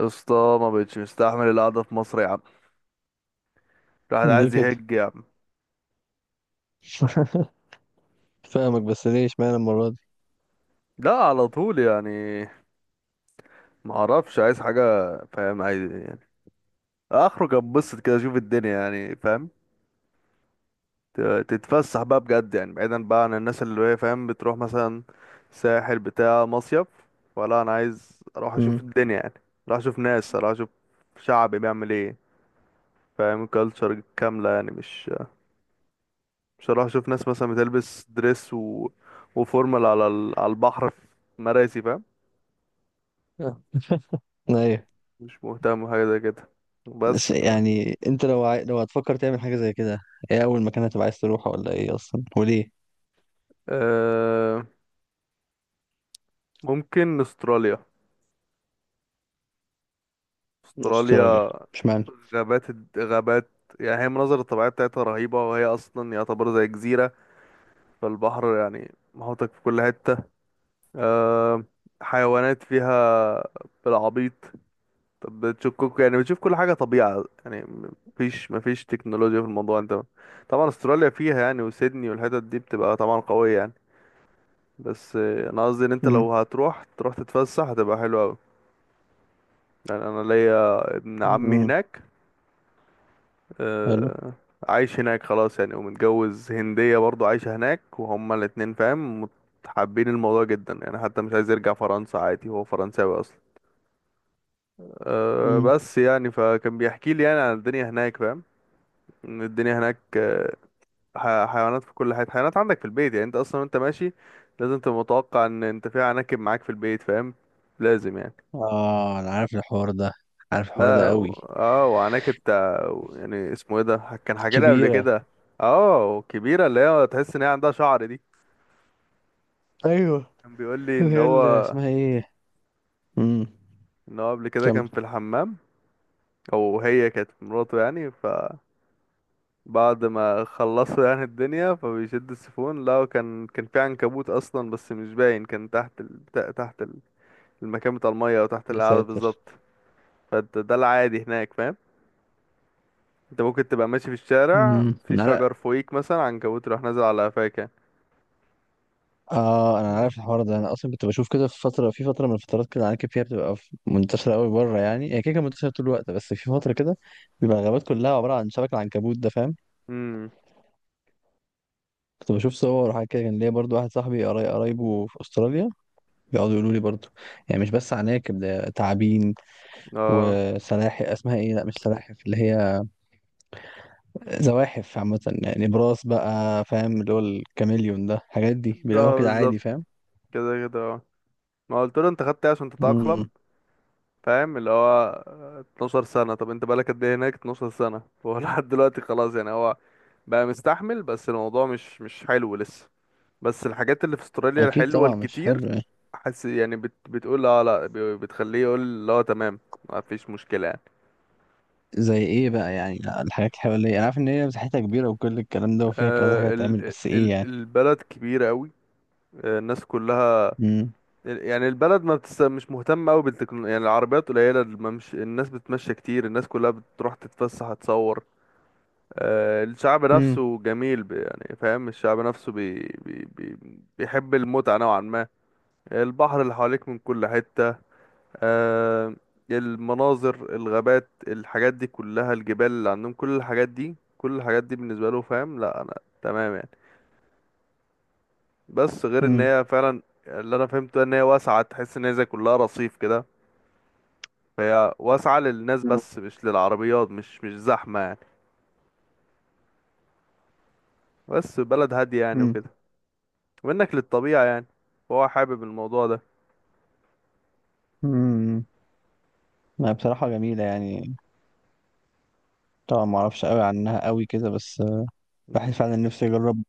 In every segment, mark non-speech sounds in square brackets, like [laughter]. يا اسطى، ما بقتش مستحمل القعده في مصر يا عم. الواحد ليه عايز كده؟ يهج يا عم. [laughs] فاهمك، بس ليه اشمعنى المرة دي؟ لا على طول يعني، ما اعرفش عايز حاجه فاهم، عايز يعني اخرج اتبسط كده اشوف الدنيا يعني فاهم، ت- تتفسح بقى بجد يعني بعيدا بقى عن الناس اللي هي فاهم بتروح مثلا ساحل بتاع مصيف ولا انا عايز اروح اشوف امم الدنيا يعني. اروح اشوف ناس، اروح اشوف شعبي بيعمل ايه فاهم، كلتشر كامله يعني. مش بصراحة، شوف ناس مثلا بتلبس دريس وفورمال على البحر في مراسي فاهم. ايوه. مش مهتم بحاجة زي كده. بس بس ف يعني انت لو لو هتفكر تعمل حاجة زي كده، ايه اول مكان هتبقى عايز تروحه ولا ايه اصلا، وليه؟ أه... ممكن استراليا. استراليا؟ استراليا، اشمعنى؟ غابات، يعني هي المناظر الطبيعية بتاعتها رهيبة، وهي أصلا يعتبر زي جزيرة، فالبحر يعني محوطك في كل حتة. أه... حيوانات فيها بالعبيط. طب بتشككوا يعني، بتشوف كل حاجة طبيعة يعني، مفيش تكنولوجيا في الموضوع. انت طبعا استراليا فيها يعني، وسيدني والحتت دي بتبقى طبعا قوية يعني. بس انا قصدي ان انت امم لو هتروح تروح تتفسح هتبقى حلوة اوي. يعني انا ليا ابن عمي امم هناك، حلو. آه، عايش هناك خلاص يعني ومتجوز هندية برضو عايشة هناك، وهما الاتنين فاهم، حابين الموضوع جدا يعني، حتى مش عايز يرجع فرنسا عادي، هو فرنساوي اصلا. أه امم بس يعني، فكان بيحكي لي يعني عن الدنيا هناك فاهم. الدنيا هناك حيوانات في كل حتة، حيوانات عندك في البيت يعني. انت اصلا وانت ماشي لازم تبقى متوقع ان انت في عناكب معاك في البيت فاهم، لازم يعني. اه، انا عارف الحوار ده، عارف الحوار ده لا قوي. اه، وعناكب بتاع يعني اسمه ايه ده، كان حاجة لي قبل كبيرة. كده. اه كبيرة، اللي هي تحس ان هي عندها شعر دي. ايوه. كان بيقول لي اللي ان هي اللي هو، اسمها ايه؟ امم ان هو قبل كده كمل. كان في الحمام، او هي كانت مراته يعني، فبعد ما خلصوا يعني الدنيا فبيشد السيفون، لا كان، كان في عنكبوت اصلا بس مش باين، كان تحت المكان بتاع المية او تحت يا القعدة ساتر. بالظبط. فانت ده العادي هناك فاهم. انت ممكن تبقى ماشي في الشارع، امم في شجر فوقيك مثلا، عنكبوت راح نازل على قفاك يعني. اه، انا عارف الحوار ده. انا اصلا كنت بشوف كده في فتره، من الفترات كده، العناكب فيها بتبقى منتشره قوي بره. يعني هي كده كانت منتشره طول الوقت، بس في فتره كده بيبقى الغابات كلها عباره عن شبك العنكبوت ده، فاهم. امم، كنت بشوف صور وحاجات كده. كان ليا برضو واحد صاحبي قرايبه في استراليا، بيقعدوا يقولوا لي برضو يعني مش بس عناكب، ده تعابين اه، وسلاحف، اسمها ايه؟ لا مش سلاحف، اللي هي زواحف عامه يعني براس، بقى فاهم، اللي هو الكاميليون ده. الحاجات دي بيلاقوها اه كده عادي، بالظبط، فاهم. كده كده اه. ما قلت له انت خدت ايه عشان تتأقلم، امم فاهم اللي هو 12 سنة. طب انت بقالك قد ايه هناك؟ 12 سنة هو [laughs] لحد دلوقتي خلاص يعني، هو بقى مستحمل بس الموضوع مش، مش حلو لسه. بس الحاجات اللي في استراليا اكيد الحلوة طبعا مش الكتير، حلو. حس يعني بتقول اه، لا بتخليه يقول لا تمام، ما فيش مشكلة يعني. زي ايه بقى يعني الحاجات الحوالية؟ انا عارف ان هي مساحتها كبيرة، وكل الكلام ده، وفيها كذا حاجة آه تعمل، بس ايه يعني؟ البلد كبيرة قوي. آه الناس كلها، امم يعني البلد ما مش مهتمة قوي بالتكنولوجيا يعني، العربيات قليلة، الناس بتمشي كتير، الناس كلها بتروح تتفسح تصور. آه الشعب امم نفسه جميل، يعني فاهم الشعب نفسه بي... بي... بيحب المتعة نوعا ما. البحر اللي حواليك من كل حتة، آه المناظر، الغابات، الحاجات دي كلها، الجبال اللي عندهم، كل الحاجات دي، كل الحاجات دي بالنسبة له فاهم. لا انا تمام يعني، بس غير ان امم هي فعلا اللي انا فهمته ان هي واسعة، تحس ان هي زي كلها رصيف كده، فهي واسعة للناس بس مش للعربيات، مش زحمة يعني، بس بلد هادية يعني امم وكده، وانك للطبيعة يعني، فهو حابب الموضوع ده. امم ما بصراحة جميلة يعني. طبعا ما اعرفش قوي عنها قوي كده، بس مم. الواحد فعلا نفسه يجرب،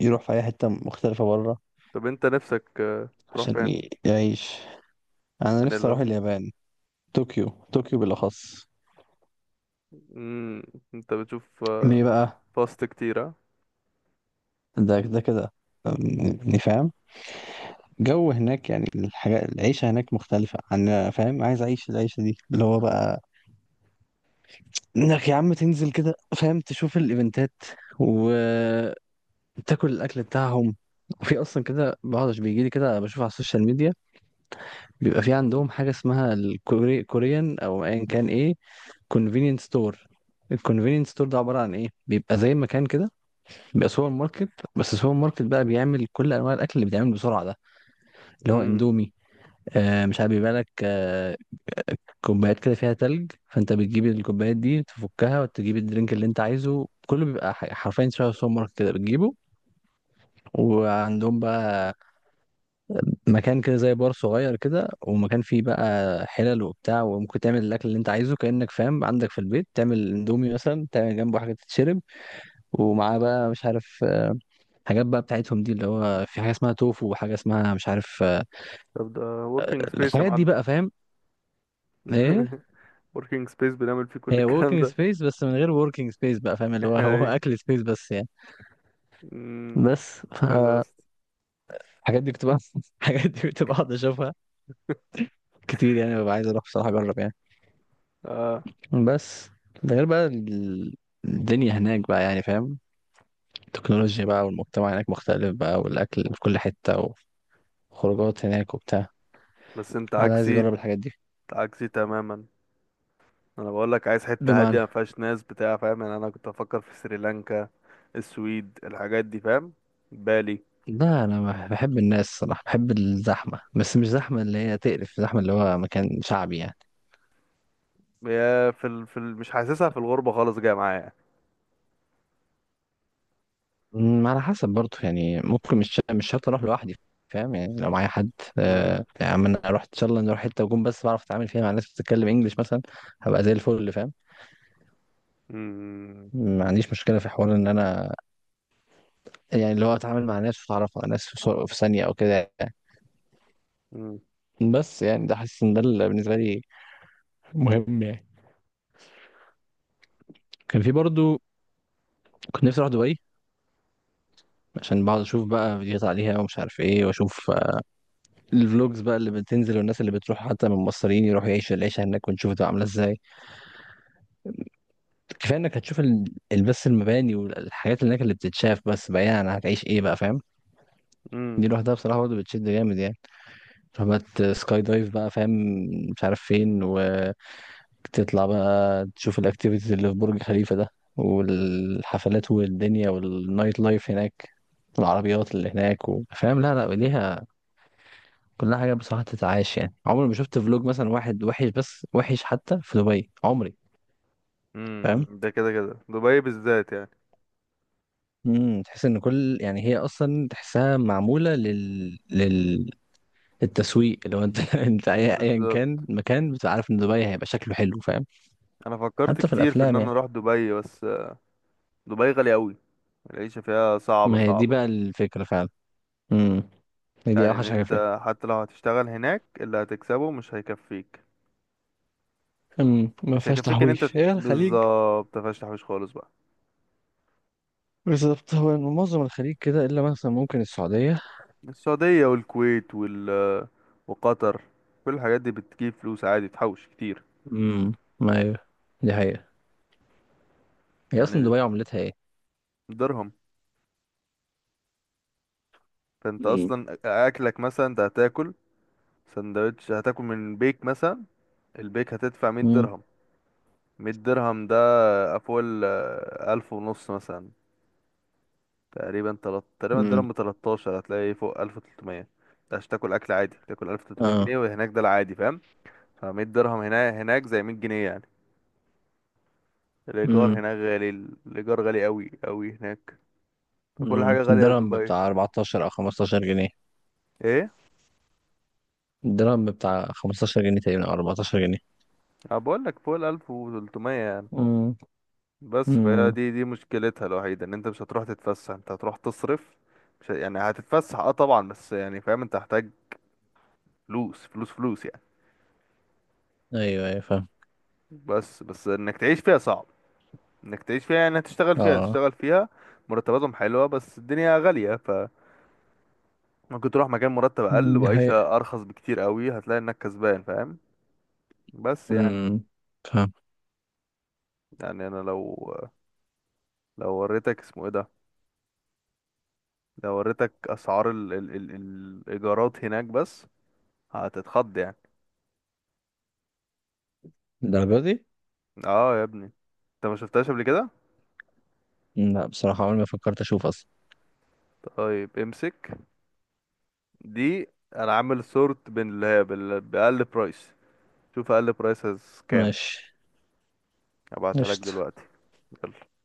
يروح في اي حتة مختلفة بره طب انت نفسك تروح عشان فين؟ يعيش. انا يعني نفسي اروح لو، اليابان. طوكيو. طوكيو بالاخص. مم، انت بتشوف ليه بقى؟ فاست كتير. ده ده كده أم، يعني فاهم جو هناك. يعني الحاجة، العيشة هناك مختلفة عن فاهم. عايز أعيش العيشة دي، اللي هو بقى إنك يا عم تنزل كده فاهم، تشوف الإيفنتات، وتاكل الأكل بتاعهم. وفي أصلا كده بقعد، بيجي لي كده بشوف على السوشيال ميديا، بيبقى في عندهم حاجة اسمها الكوري، كوريان، أو أيا كان، إيه، كونفينينس ستور. الكونفينينس ستور ده عبارة عن إيه؟ بيبقى زي مكان كده، بيبقى سوبر ماركت، بس السوبر ماركت بقى بيعمل كل أنواع الأكل اللي بيتعمل بسرعة ده، اللي هو ها؟ إندومي. آه، مش عارف، بيبقى لك كوبايات كده فيها تلج، فانت بتجيب الكوبايات دي، تفكها وتجيب الدرينك اللي انت عايزه، كله بيبقى حرفيا شبه سوبر ماركت كده، بتجيبه. وعندهم بقى مكان كده زي بار صغير كده، ومكان فيه بقى حلل وبتاع، وممكن تعمل الاكل اللي انت عايزه كأنك فاهم عندك في البيت، تعمل اندومي مثلا، تعمل جنبه حاجه تتشرب. ومعاه بقى مش عارف حاجات بقى بتاعتهم دي، اللي هو في حاجه اسمها توفو، وحاجه اسمها مش عارف طب ده working space يا الحاجات دي معلم. بقى فاهم. ايه، [laughs] working space بنعمل فيه كل هي الكلام وركينج ده. سبيس، بس من غير وركينج سبيس، بقى فاهم اللي هو، [laughs] هو ايه. اكل سبيس بس يعني. أمم، بس حلو فالحاجات بس. دي كنت بقى [laughs] الحاجات دي كنت بقعد اشوفها كتير يعني. ببقى عايز اروح بصراحه اجرب يعني. اه بس ده غير بقى الدنيا هناك بقى يعني فاهم. التكنولوجيا بقى، والمجتمع هناك مختلف بقى، والاكل في كل حته، وخروجات هناك وبتاع. بس انت الواحد عايز عكسي، يجرب الحاجات دي. عكسي تماما. انا بقول لك عايز حتة هادية بمعنى، ما فيهاش ناس بتاع فاهم، يعني انا كنت افكر في سريلانكا، السويد، الحاجات دي فاهم، بالي. لا انا بحب الناس صراحه، بحب الزحمه، بس مش زحمه اللي هي تقرف، زحمه اللي هو مكان شعبي يعني. هي مش حاسسها في الغربة خالص، جاية معايا. على حسب برضه يعني، ممكن مش شرط اروح لوحدي، فاهم يعني لو معايا حد. امم، آه يعني اما انا اروح ان شاء الله نروح حته، وأكون بس بعرف اتعامل فيها مع ناس بتتكلم انجلش مثلا، هبقى زي الفل فاهم. امم، ما عنديش مشكله في حوار ان انا يعني اللي هو اتعامل مع ناس، واتعرف على ناس في في ثانيه او كده يعني. امم، بس يعني ده حاسس ان ده اللي بالنسبه لي مهم يعني. كان في برضه، كنت نفسي اروح دبي، عشان بقعد اشوف بقى فيديوهات عليها ومش عارف ايه، واشوف الفلوجز بقى اللي بتنزل، والناس اللي بتروح حتى من مصريين يروحوا يعيشوا العيشه هناك، ونشوف ده عامله ازاي. كفايه انك هتشوف بس المباني والحاجات اللي هناك اللي بتتشاف، بس بعيدا عن هتعيش ايه بقى فاهم. امم. دي لوحدها بصراحه برضه بتشد جامد يعني. رحلات سكاي دايف بقى فاهم، مش عارف فين، وتطلع بقى تشوف الاكتيفيتيز اللي في برج خليفه ده، والحفلات والدنيا والنايت لايف هناك، والعربيات اللي هناك، و- فاهم، لا لا ليها. كلها حاجه بصراحه تتعاش يعني. عمري ما شفت فلوج مثلا واحد وحش، بس وحش حتى في دبي، عمري، أمم. فاهم. ده كده كده دبي بالذات يعني. امم، تحس ان كل يعني هي اصلا تحسها معموله لل التسويق. لو انت [laughs] انت ايا كان بالظبط، مكان، بتبقى عارف ان دبي هيبقى شكله حلو فاهم. انا فكرت حتى في كتير في ان الافلام انا يعني. اروح دبي، بس دبي غالية أوي، العيشة فيها صعبة ما هي دي صعبة. بقى الفكره فعلا. امم، هي دي يعني إن اوحش حاجه فيها. أنت حتى لو هتشتغل هناك اللي هتكسبه مش هيكفيك. امم، ما مش فيهاش هيكفيك إن أنت، تحويش، هي الخليج. بالظبط، مفيهاش تحويش خالص بقى. بالظبط. هو معظم الخليج كده، الا مثلا ممكن السعوديه. السعودية والكويت وقطر، كل الحاجات دي بتجيب فلوس عادي، تحوش كتير. امم، ما هي دي حقيقه. هي اصلا يعني دبي عملتها ايه؟ الدرهم، فأنت امم أصلا أكلك مثلا، أنت هتاكل سندوتش، هتاكل من بيك مثلا، البيك هتدفع مية امم درهم. مية درهم ده فوق ألف ونص مثلا تقريبا، تقريبا امم الدرهم ب 13، هتلاقي ايه؟ فوق 1300. ده عشان تاكل اكل عادي تاكل 1300 اه. جنيه وهناك ده العادي فاهم. ف 100 درهم هنا هناك زي 100 جنيه يعني. الايجار امم هناك غالي، الايجار غالي قوي قوي هناك، فكل حاجه غاليه في الدرهم دبي. بتاع 14 او 15 جنيه. ايه، الدرهم بتاع 15 جنيه تقريبا، او 14 جنيه. انا بقول لك فوق ال 1300 يعني. امم بس فهي امم دي مشكلتها الوحيده ان انت مش هتروح تتفسح، انت هتروح تصرف. مش ه- يعني هتتفسح اه طبعا، بس يعني فاهم انت هتحتاج فلوس فلوس فلوس يعني. ايوه، ايوه، فاهم. بس انك تعيش فيها صعب، انك تعيش فيها يعني، هتشتغل فيها، اه. تشتغل فيها مرتباتهم حلوة بس الدنيا غالية، فممكن تروح مكان مرتب أقل مم، دي حقيقة. وعيشة أرخص بكتير قوي، هتلاقي إنك كسبان فاهم. بس يعني، امم فاهم. يعني أنا لو، لو وريتك اسمه إيه ده، لو وريتك أسعار الإيجارات هناك بس، هتتخض يعني. الدرجة دي؟ اه يا ابني، انت ما شفتهاش قبل كده. لا بصراحة عمري ما فكرت اشوف اصلا. طيب امسك دي، انا عامل سورت بين اللي هي بأقل برايس. شوف أقل برايس كام. ماشي. هبعتها لك قشطة. دلوقتي. يلا.